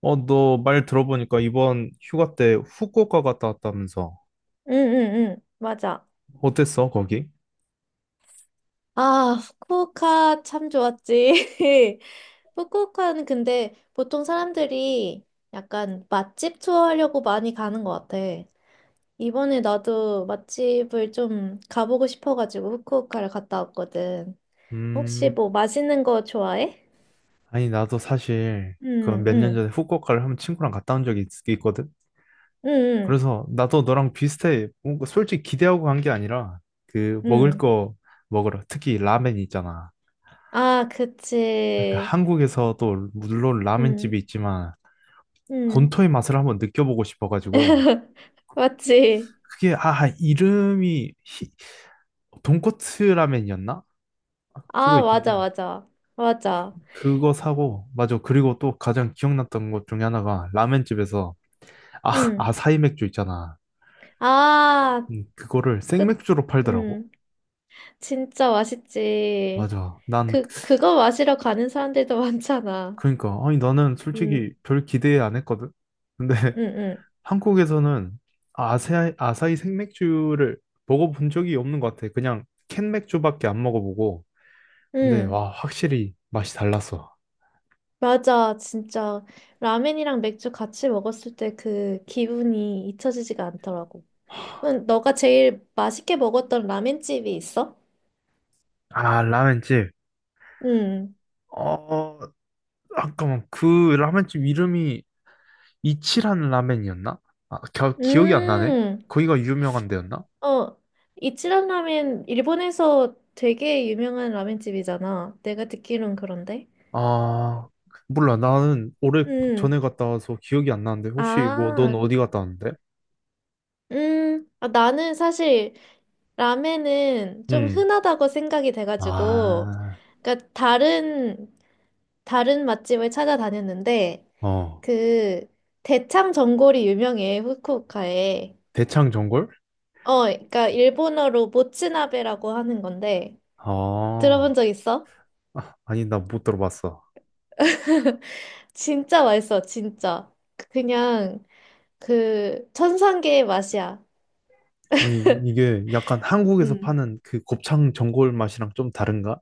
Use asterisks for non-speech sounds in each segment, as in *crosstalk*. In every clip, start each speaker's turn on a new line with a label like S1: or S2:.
S1: 어, 너 말 들어보니까 이번 휴가 때 후쿠오카 갔다 왔다면서.
S2: 응응응 맞아.
S1: 어땠어, 거기?
S2: 아, 후쿠오카 참 좋았지. *laughs* 후쿠오카는 근데 보통 사람들이 약간 맛집 투어하려고 많이 가는 것 같아. 이번에 나도 맛집을 좀 가보고 싶어가지고 후쿠오카를 갔다 왔거든. 혹시
S1: 음,
S2: 뭐 맛있는 거 좋아해?
S1: 아니, 나도 사실 그
S2: 응,
S1: 몇 년
S2: 응,
S1: 전에 후쿠오카를 한번 친구랑 갔다 온 적이 있, 거든.
S2: 응, 응,
S1: 그래서 나도 너랑 비슷해. 뭔가 솔직히 기대하고 간 게 아니라 그 먹을
S2: 응.
S1: 거 먹으러 특히 라멘 있잖아.
S2: 아,
S1: 그러니까
S2: 그치.
S1: 한국에서도 물론
S2: 응,
S1: 라멘집이 있지만
S2: 응.
S1: 본토의 맛을 한번 느껴보고 싶어가지고
S2: *laughs* 맞지?
S1: 그게 아 이름이 돈코츠 라멘이었나? 그거
S2: 아, 맞아,
S1: 있잖아.
S2: 맞아. 맞아.
S1: 그거 사고 맞아. 그리고 또 가장 기억났던 것 중에 하나가 라멘집에서 아
S2: 응.
S1: 아사히 맥주 있잖아.
S2: 아,
S1: 그거를
S2: 끝.
S1: 생맥주로 팔더라고.
S2: 음, 진짜 맛있지.
S1: 맞아. 난
S2: 그, 그거 마시러 가는 사람들도 *laughs* 많잖아.
S1: 그러니까 아니 나는
S2: 음,
S1: 솔직히 별 기대 안 했거든. 근데
S2: 음,
S1: *laughs*
S2: 음,
S1: 한국에서는 아사히 생맥주를 먹어본 적이 없는 것 같아. 그냥 캔 맥주밖에 안 먹어보고. 근데
S2: 음.
S1: 와 확실히 맛이 달랐어.
S2: 맞아, 진짜. 라면이랑 맥주 같이 먹었을 때 그 기분이 잊혀지지가 않더라고. 그럼 너가 제일 맛있게 먹었던 라면집이 있어?
S1: 아 라멘집.
S2: 음,
S1: 어 잠깐만 그 라멘집 이름이 이치란 라멘이었나? 아 기억이 안 나네.
S2: 음,
S1: 거기가 유명한 데였나?
S2: 어, 이치란 라면, 일본에서 되게 유명한 라면집이잖아. 내가 듣기론 그런데.
S1: 아 몰라 나는 오래
S2: 음.
S1: 전에 갔다 와서 기억이 안 나는데 혹시 뭐 넌
S2: 아,
S1: 어디 갔다 왔는데?
S2: 아, 나는 사실 라멘은 좀
S1: 응.
S2: 흔하다고 생각이 돼가지고,
S1: 아,
S2: 그러니까 다른 맛집을 찾아다녔는데
S1: 어,
S2: 그 대창 전골이 유명해 후쿠오카에.
S1: 대창전골?
S2: 어, 그러니까 일본어로 모츠나베라고 하는 건데 들어본
S1: 어,
S2: 적 있어?
S1: 아, 아, 아니, 나 못 들어봤어.
S2: 진짜 맛있어, 진짜. 그냥 그 천상계의 맛이야.
S1: 아니, 이게 약간 한국에서
S2: 음.
S1: 파는 그 곱창 전골 맛이랑 좀 다른가?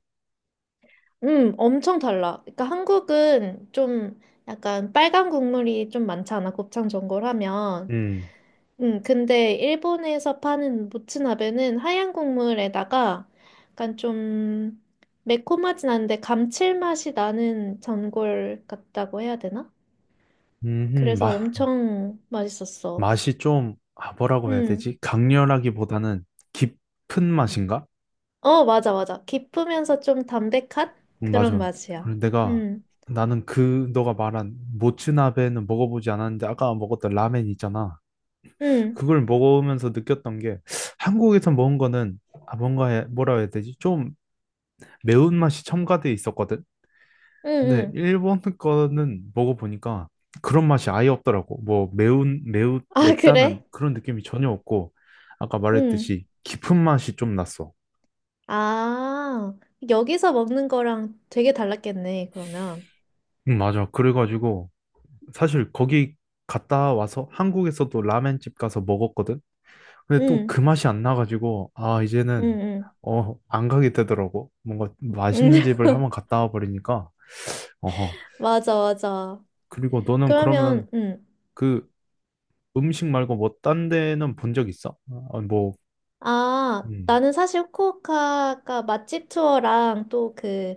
S2: 엄청 달라. 그러니까 한국은 좀 약간 빨간 국물이 좀 많잖아, 곱창 전골 하면.
S1: 음,
S2: 근데 일본에서 파는 모츠나베는 하얀 국물에다가 약간 좀 매콤하진 않은데 감칠맛이 나는 전골 같다고 해야 되나? 그래서
S1: 마,
S2: 엄청 맛있었어.
S1: 맛이 좀, 아, 뭐라고 해야
S2: 음,
S1: 되지? 강렬하기보다는 깊은 맛인가?
S2: 어, 맞아, 맞아. 깊으면서 좀 담백한 그런
S1: 맞아.
S2: 맛이야.
S1: 그리고 내가,
S2: 음,
S1: 나는 그, 너가 말한 모츠나베는 먹어보지 않았는데, 아까 먹었던 라멘 있잖아.
S2: 음,
S1: 그걸 먹으면서 느꼈던 게, 한국에서 먹은 거는, 아, 뭔가, 뭐라 해야 되지? 좀 매운맛이 첨가돼 있었거든.
S2: 음,
S1: 근데
S2: 음.
S1: 일본 거는 먹어보니까 그런 맛이 아예 없더라고. 뭐 매운, 매우,
S2: 아,
S1: 맵다는
S2: 그래?
S1: 그런 느낌이 전혀 없고, 아까
S2: 음.
S1: 말했듯이 깊은 맛이 좀 났어.
S2: 아, 여기서 먹는 거랑 되게 달랐겠네, 그러면.
S1: 응, 맞아. 그래가지고 사실 거기 갔다 와서 한국에서도 라멘집 가서 먹었거든. 근데 또
S2: 응,
S1: 그 맛이 안 나가지고, 아,
S2: 응,
S1: 이제는
S2: 응.
S1: 어, 안 가게 되더라고. 뭔가
S2: 응.
S1: 맛있는 집을 한번
S2: *laughs*
S1: 갔다 와 버리니까. 어허.
S2: 맞아, 맞아.
S1: 그리고 너는 그러면
S2: 그러면, 응.
S1: 그 음식 말고 뭐 딴 데는 본 적 있어? 어, 어, 뭐,
S2: 아,
S1: 음.
S2: 나는 사실 후쿠오카가 맛집 투어랑 또 그,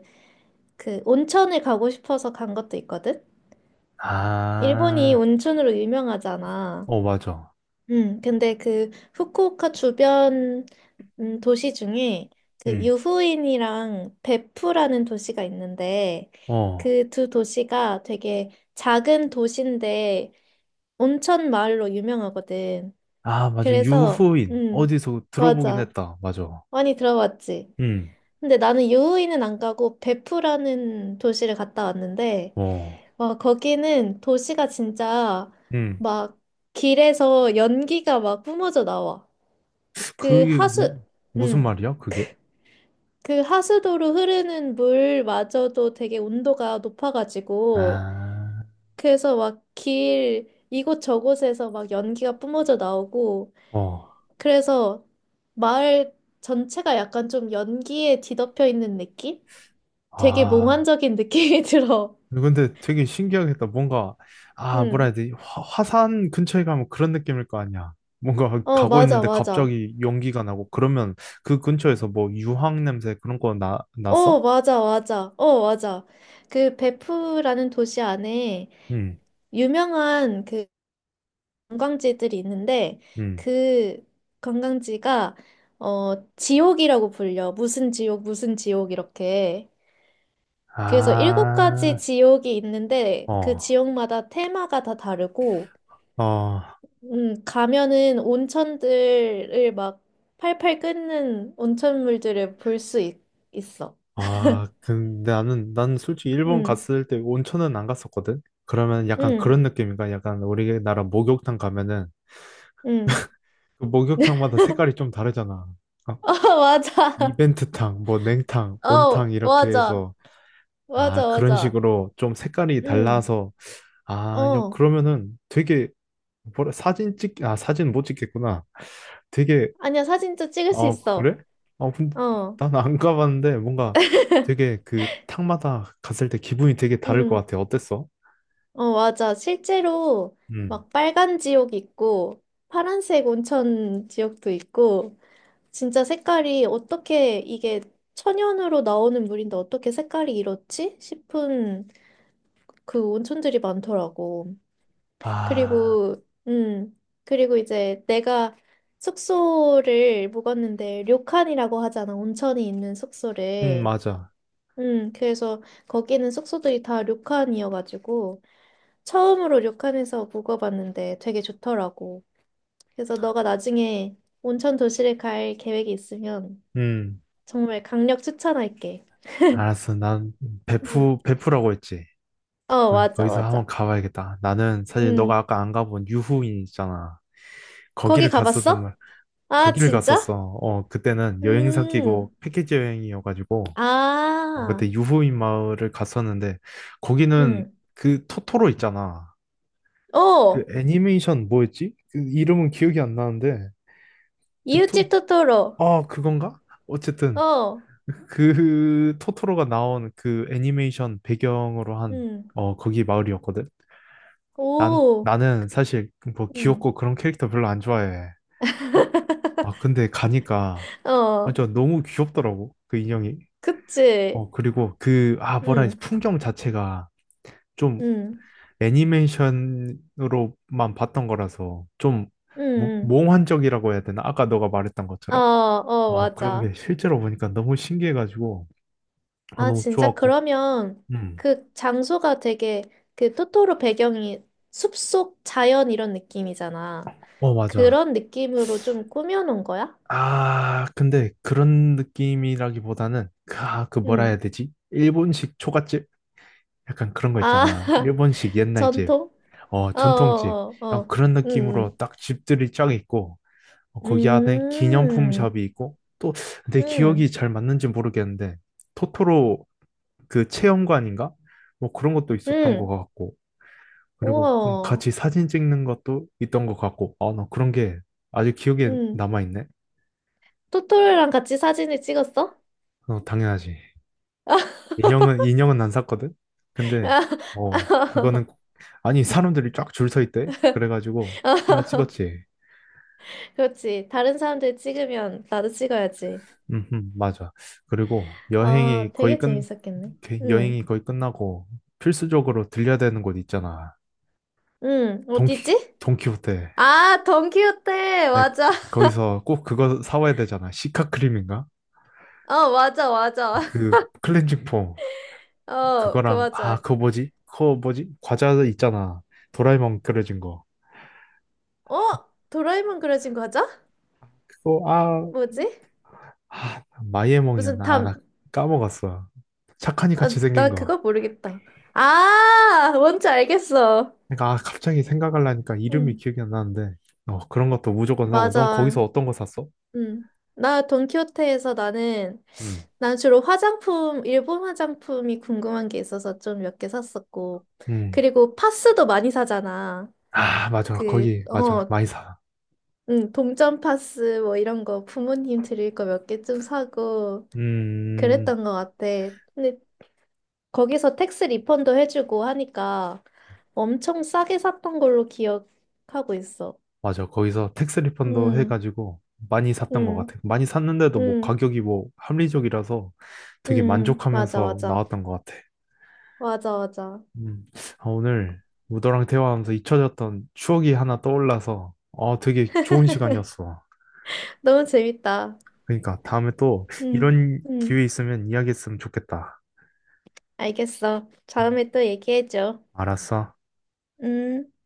S2: 그 온천을 가고 싶어서 간 것도 있거든? 일본이
S1: 아,
S2: 온천으로 유명하잖아.
S1: 어, 맞아.
S2: 근데 그 후쿠오카 주변 도시 중에 그
S1: 음.
S2: 유후인이랑 베푸라는 도시가 있는데
S1: 어.
S2: 그 두 도시가 되게 작은 도시인데 온천 마을로 유명하거든.
S1: 아, 맞아.
S2: 그래서
S1: 유후인. 어디서 들어보긴
S2: 맞아.
S1: 했다. 맞아.
S2: 많이 들어봤지.
S1: 음.
S2: 근데 나는 유후인은 안 가고 베푸라는 도시를 갔다 왔는데
S1: 어.
S2: 와, 거기는 도시가 진짜
S1: 음.
S2: 막 길에서 연기가 막 뿜어져 나와. 그
S1: 그게 무,
S2: 하수,
S1: 무슨
S2: 음,
S1: 말이야? 그게?
S2: 그 하수도로 흐르는 물마저도 되게 온도가 높아가지고,
S1: 아,
S2: 그래서 막 길, 이곳저곳에서 막 연기가 뿜어져 나오고,
S1: 어.
S2: 그래서 마을 전체가 약간 좀 연기에 뒤덮여 있는 느낌? 되게
S1: 아.
S2: 몽환적인 느낌이 *laughs* 들어.
S1: 근데 되게 신기하겠다. 뭔가, 아, 뭐라
S2: 응.
S1: 해야 되지? 화, 화산 근처에 가면 그런 느낌일 거 아니야. 뭔가
S2: 어,
S1: 가고
S2: 맞아,
S1: 있는데
S2: 맞아.
S1: 갑자기 연기가 나고 그러면 그 근처에서 뭐 유황 냄새 그런 거 나,
S2: 어,
S1: 났어?
S2: 맞아, 맞아. 어, 맞아. 그 베프라는 도시 안에
S1: 응,
S2: 유명한 그 관광지들이 있는데
S1: 응.
S2: 그 관광지가 어 지옥이라고 불려. 무슨 지옥, 무슨 지옥 이렇게. 그래서 일곱 가지
S1: 아,
S2: 지옥이 있는데 그
S1: 어,
S2: 지옥마다 테마가 다 다르고
S1: 어,
S2: 가면은 온천들을 막 팔팔 끓는 온천물들을 볼 수 있어.
S1: 아, 근데 나는, 난 솔직히
S2: 응
S1: 일본 갔을 때 온천은 안 갔었거든? 그러면 약간 그런
S2: 응
S1: 느낌인가? 약간 우리나라 목욕탕 가면은
S2: 응.
S1: 그 목욕탕마다 색깔이 좀 다르잖아. 어.
S2: *laughs* 어, 맞아.
S1: 이벤트탕, 뭐 냉탕, 온탕
S2: 어,
S1: 이렇게
S2: 맞아.
S1: 해서 아
S2: 맞아,
S1: 그런
S2: 맞아.
S1: 식으로 좀 색깔이
S2: 응
S1: 달라서 아 야,
S2: 어.
S1: 그러면은 되게 뭐라 사진 찍, 아 사진 못 찍겠구나. 되게
S2: 아니야, 사진도 찍을 수
S1: 어
S2: 있어.
S1: 그래? 어 근데
S2: 어,
S1: 난 안 가봤는데 뭔가 되게 그 탕마다 갔을 때 기분이 되게 다를 것
S2: 음,
S1: 같아. 어땠어?
S2: 어, 맞아. 실제로
S1: 음.
S2: 막 빨간 지옥 있고 파란색 온천 지옥도 있고 진짜 색깔이 어떻게 이게 천연으로 나오는 물인데 어떻게 색깔이 이렇지? 싶은 그 온천들이 많더라고.
S1: 아,
S2: 그리고, 그리고 이제 내가 숙소를 묵었는데 료칸이라고 하잖아. 온천이 있는 숙소를.
S1: 맞아.
S2: 그래서 거기는 숙소들이 다 료칸이어가지고 처음으로 료칸에서 묵어봤는데 되게 좋더라고. 그래서 너가 나중에 온천 도시를 갈 계획이 있으면
S1: 음
S2: 정말 강력 추천할게.
S1: 알았어. 난
S2: 응.
S1: 베프 베프라고 했지.
S2: 어,
S1: 거기,
S2: 맞아,
S1: 거기서
S2: 맞아.
S1: 한번 가봐야겠다. 나는 사실 너가
S2: 응.
S1: 아까 안 가본 유후인 있잖아.
S2: 거기
S1: 거기를 갔었단
S2: 가봤어?
S1: 말.
S2: 아,
S1: 거기를 갔었어.
S2: 진짜?
S1: 어, 그때는 여행사
S2: 음.
S1: 끼고 패키지 여행이어가지고 어,
S2: 아.
S1: 그때 유후인 마을을 갔었는데 거기는
S2: 응.
S1: 그 토토로 있잖아. 그
S2: 어.
S1: 애니메이션 뭐였지? 그 이름은 기억이 안 나는데 그 토,
S2: 이웃집 토토로.
S1: 아 그건가? 어쨌든
S2: 어.
S1: 그 토토로가 나온 그 애니메이션 배경으로 한
S2: 응.
S1: 어, 거기 마을이었거든. 난
S2: 오.
S1: 나는 사실 뭐
S2: 응.
S1: 귀엽고 그런 캐릭터 별로 안 좋아해. 아
S2: *laughs*
S1: 근데 가니까
S2: 어.
S1: 완전 너무 귀엽더라고 그 인형이.
S2: 그치.
S1: 어, 그리고 그, 아, 뭐라 해야 지
S2: 응.
S1: 풍경 자체가 좀
S2: 응.
S1: 애니메이션으로만 봤던 거라서 좀
S2: 응.
S1: 몽환적이라고 해야 되나? 아까 너가 말했던
S2: 응. 어,
S1: 것처럼.
S2: 어,
S1: 어, 그런
S2: 맞아.
S1: 게 실제로 보니까 너무 신기해가지고, 아,
S2: 아,
S1: 너무
S2: 진짜
S1: 좋았고.
S2: 그러면
S1: 음.
S2: 그 장소가 되게 그 토토로 배경이 숲속 자연 이런 느낌이잖아.
S1: 어, 맞아.
S2: 그런 느낌으로 좀 꾸며놓은 거야?
S1: 아, 근데 그런 느낌이라기보다는, 그, 아, 그 뭐라 해야
S2: 응.
S1: 되지? 일본식 초밥집? 약간 그런 거
S2: 아,
S1: 있잖아.
S2: *laughs*
S1: 일본식 옛날 집,
S2: 전통?
S1: 어,
S2: 어,
S1: 전통집.
S2: 어, 어,
S1: 약간
S2: 어.
S1: 그런
S2: 응,
S1: 느낌으로 딱 집들이 쫙 있고, 어,
S2: 응.
S1: 거기 안에 기념품 샵이 있고 또 내
S2: 응,
S1: 기억이 잘 맞는지 모르겠는데 토토로 그 체험관인가? 뭐 그런 것도 있었던 것
S2: 응.
S1: 같고 그리고
S2: 우와.
S1: 같이 사진 찍는 것도 있던 것 같고 아, 나 그런 게 아직 기억에
S2: 응.
S1: 남아있네.
S2: 토토랑 같이 사진을 찍었어?
S1: 어, 당연하지. 인형은
S2: *laughs*
S1: 인형은 안 샀거든. 근데
S2: 아,
S1: 어 그거는 아니 사람들이 쫙 줄 서 있대. 그래가지고 하나
S2: *laughs*
S1: 찍었지.
S2: 그렇지. 다른 사람들 찍으면 나도 찍어야지.
S1: 맞아. 그리고
S2: 아, 되게 재밌었겠네.
S1: 게
S2: 응.
S1: 여행이 거의 끝나고 필수적으로 들려야 되는 곳 있잖아.
S2: 응,
S1: 돈키,
S2: 어디지?
S1: 돈키호테.
S2: 아, 던키호테!
S1: 아니,
S2: 맞아. *laughs*
S1: 거기서 꼭 그거 사와야 되잖아. 시카크림인가?
S2: 어, 맞아, 맞아.
S1: 그
S2: *laughs*
S1: 클렌징 폼.
S2: 어, 그
S1: 그거랑, 아,
S2: 맞아.
S1: 그거 뭐지? 과자 있잖아. 도라에몽 그려진 거.
S2: 어? 도라에몽 그려진 과자?
S1: 그거, 아,
S2: 뭐지?
S1: 아
S2: 무슨
S1: 마이애몽이었나? 아, 나
S2: 담.
S1: 까먹었어. 착하니
S2: 아,
S1: 같이 생긴
S2: 나
S1: 거.
S2: 그거 모르겠다. 아, 뭔지 알겠어.
S1: 그러니까 아, 갑자기 생각하려니까 이름이
S2: 응.
S1: 기억이 안 나는데 어 그런 것도 무조건 사고 넌
S2: 맞아.
S1: 거기서 어떤 거 샀어?
S2: 응. 나 돈키호테에서 나는,
S1: 음.
S2: 난 주로 화장품, 일본 화장품이 궁금한 게 있어서 좀 몇 개 샀었고.
S1: 음.
S2: 그리고 파스도 많이 사잖아.
S1: 아, 맞아.
S2: 그,
S1: 거기, 맞아.
S2: 어,
S1: 많이 사.
S2: 응, 동전 파스 뭐 이런 거 부모님 드릴 거 몇 개쯤 사고
S1: 음,
S2: 그랬던 것 같아. 근데 거기서 택스 리펀도 해주고 하니까 엄청 싸게 샀던 걸로 기억하고 있어.
S1: 맞아. 거기서 택스 리펀드
S2: 응,
S1: 해가지고 많이 샀던 것
S2: 응,
S1: 같아. 많이 샀는데도 뭐
S2: 응,
S1: 가격이 뭐 합리적이라서
S2: 응,
S1: 되게
S2: 응, 맞아,
S1: 만족하면서
S2: 맞아.
S1: 나왔던 것 같아.
S2: 맞아, 맞아.
S1: 음, 아, 오늘 우도랑 대화하면서 잊혀졌던 추억이 하나 떠올라서 어, 되게 좋은 시간이었어.
S2: 너무 재밌다.
S1: 그러니까 다음에 또
S2: 응,
S1: 이런
S2: 응,
S1: 기회 있으면 이야기했으면 좋겠다.
S2: 알겠어. 다음에 또 얘기해줘.
S1: 알았어.
S2: 응.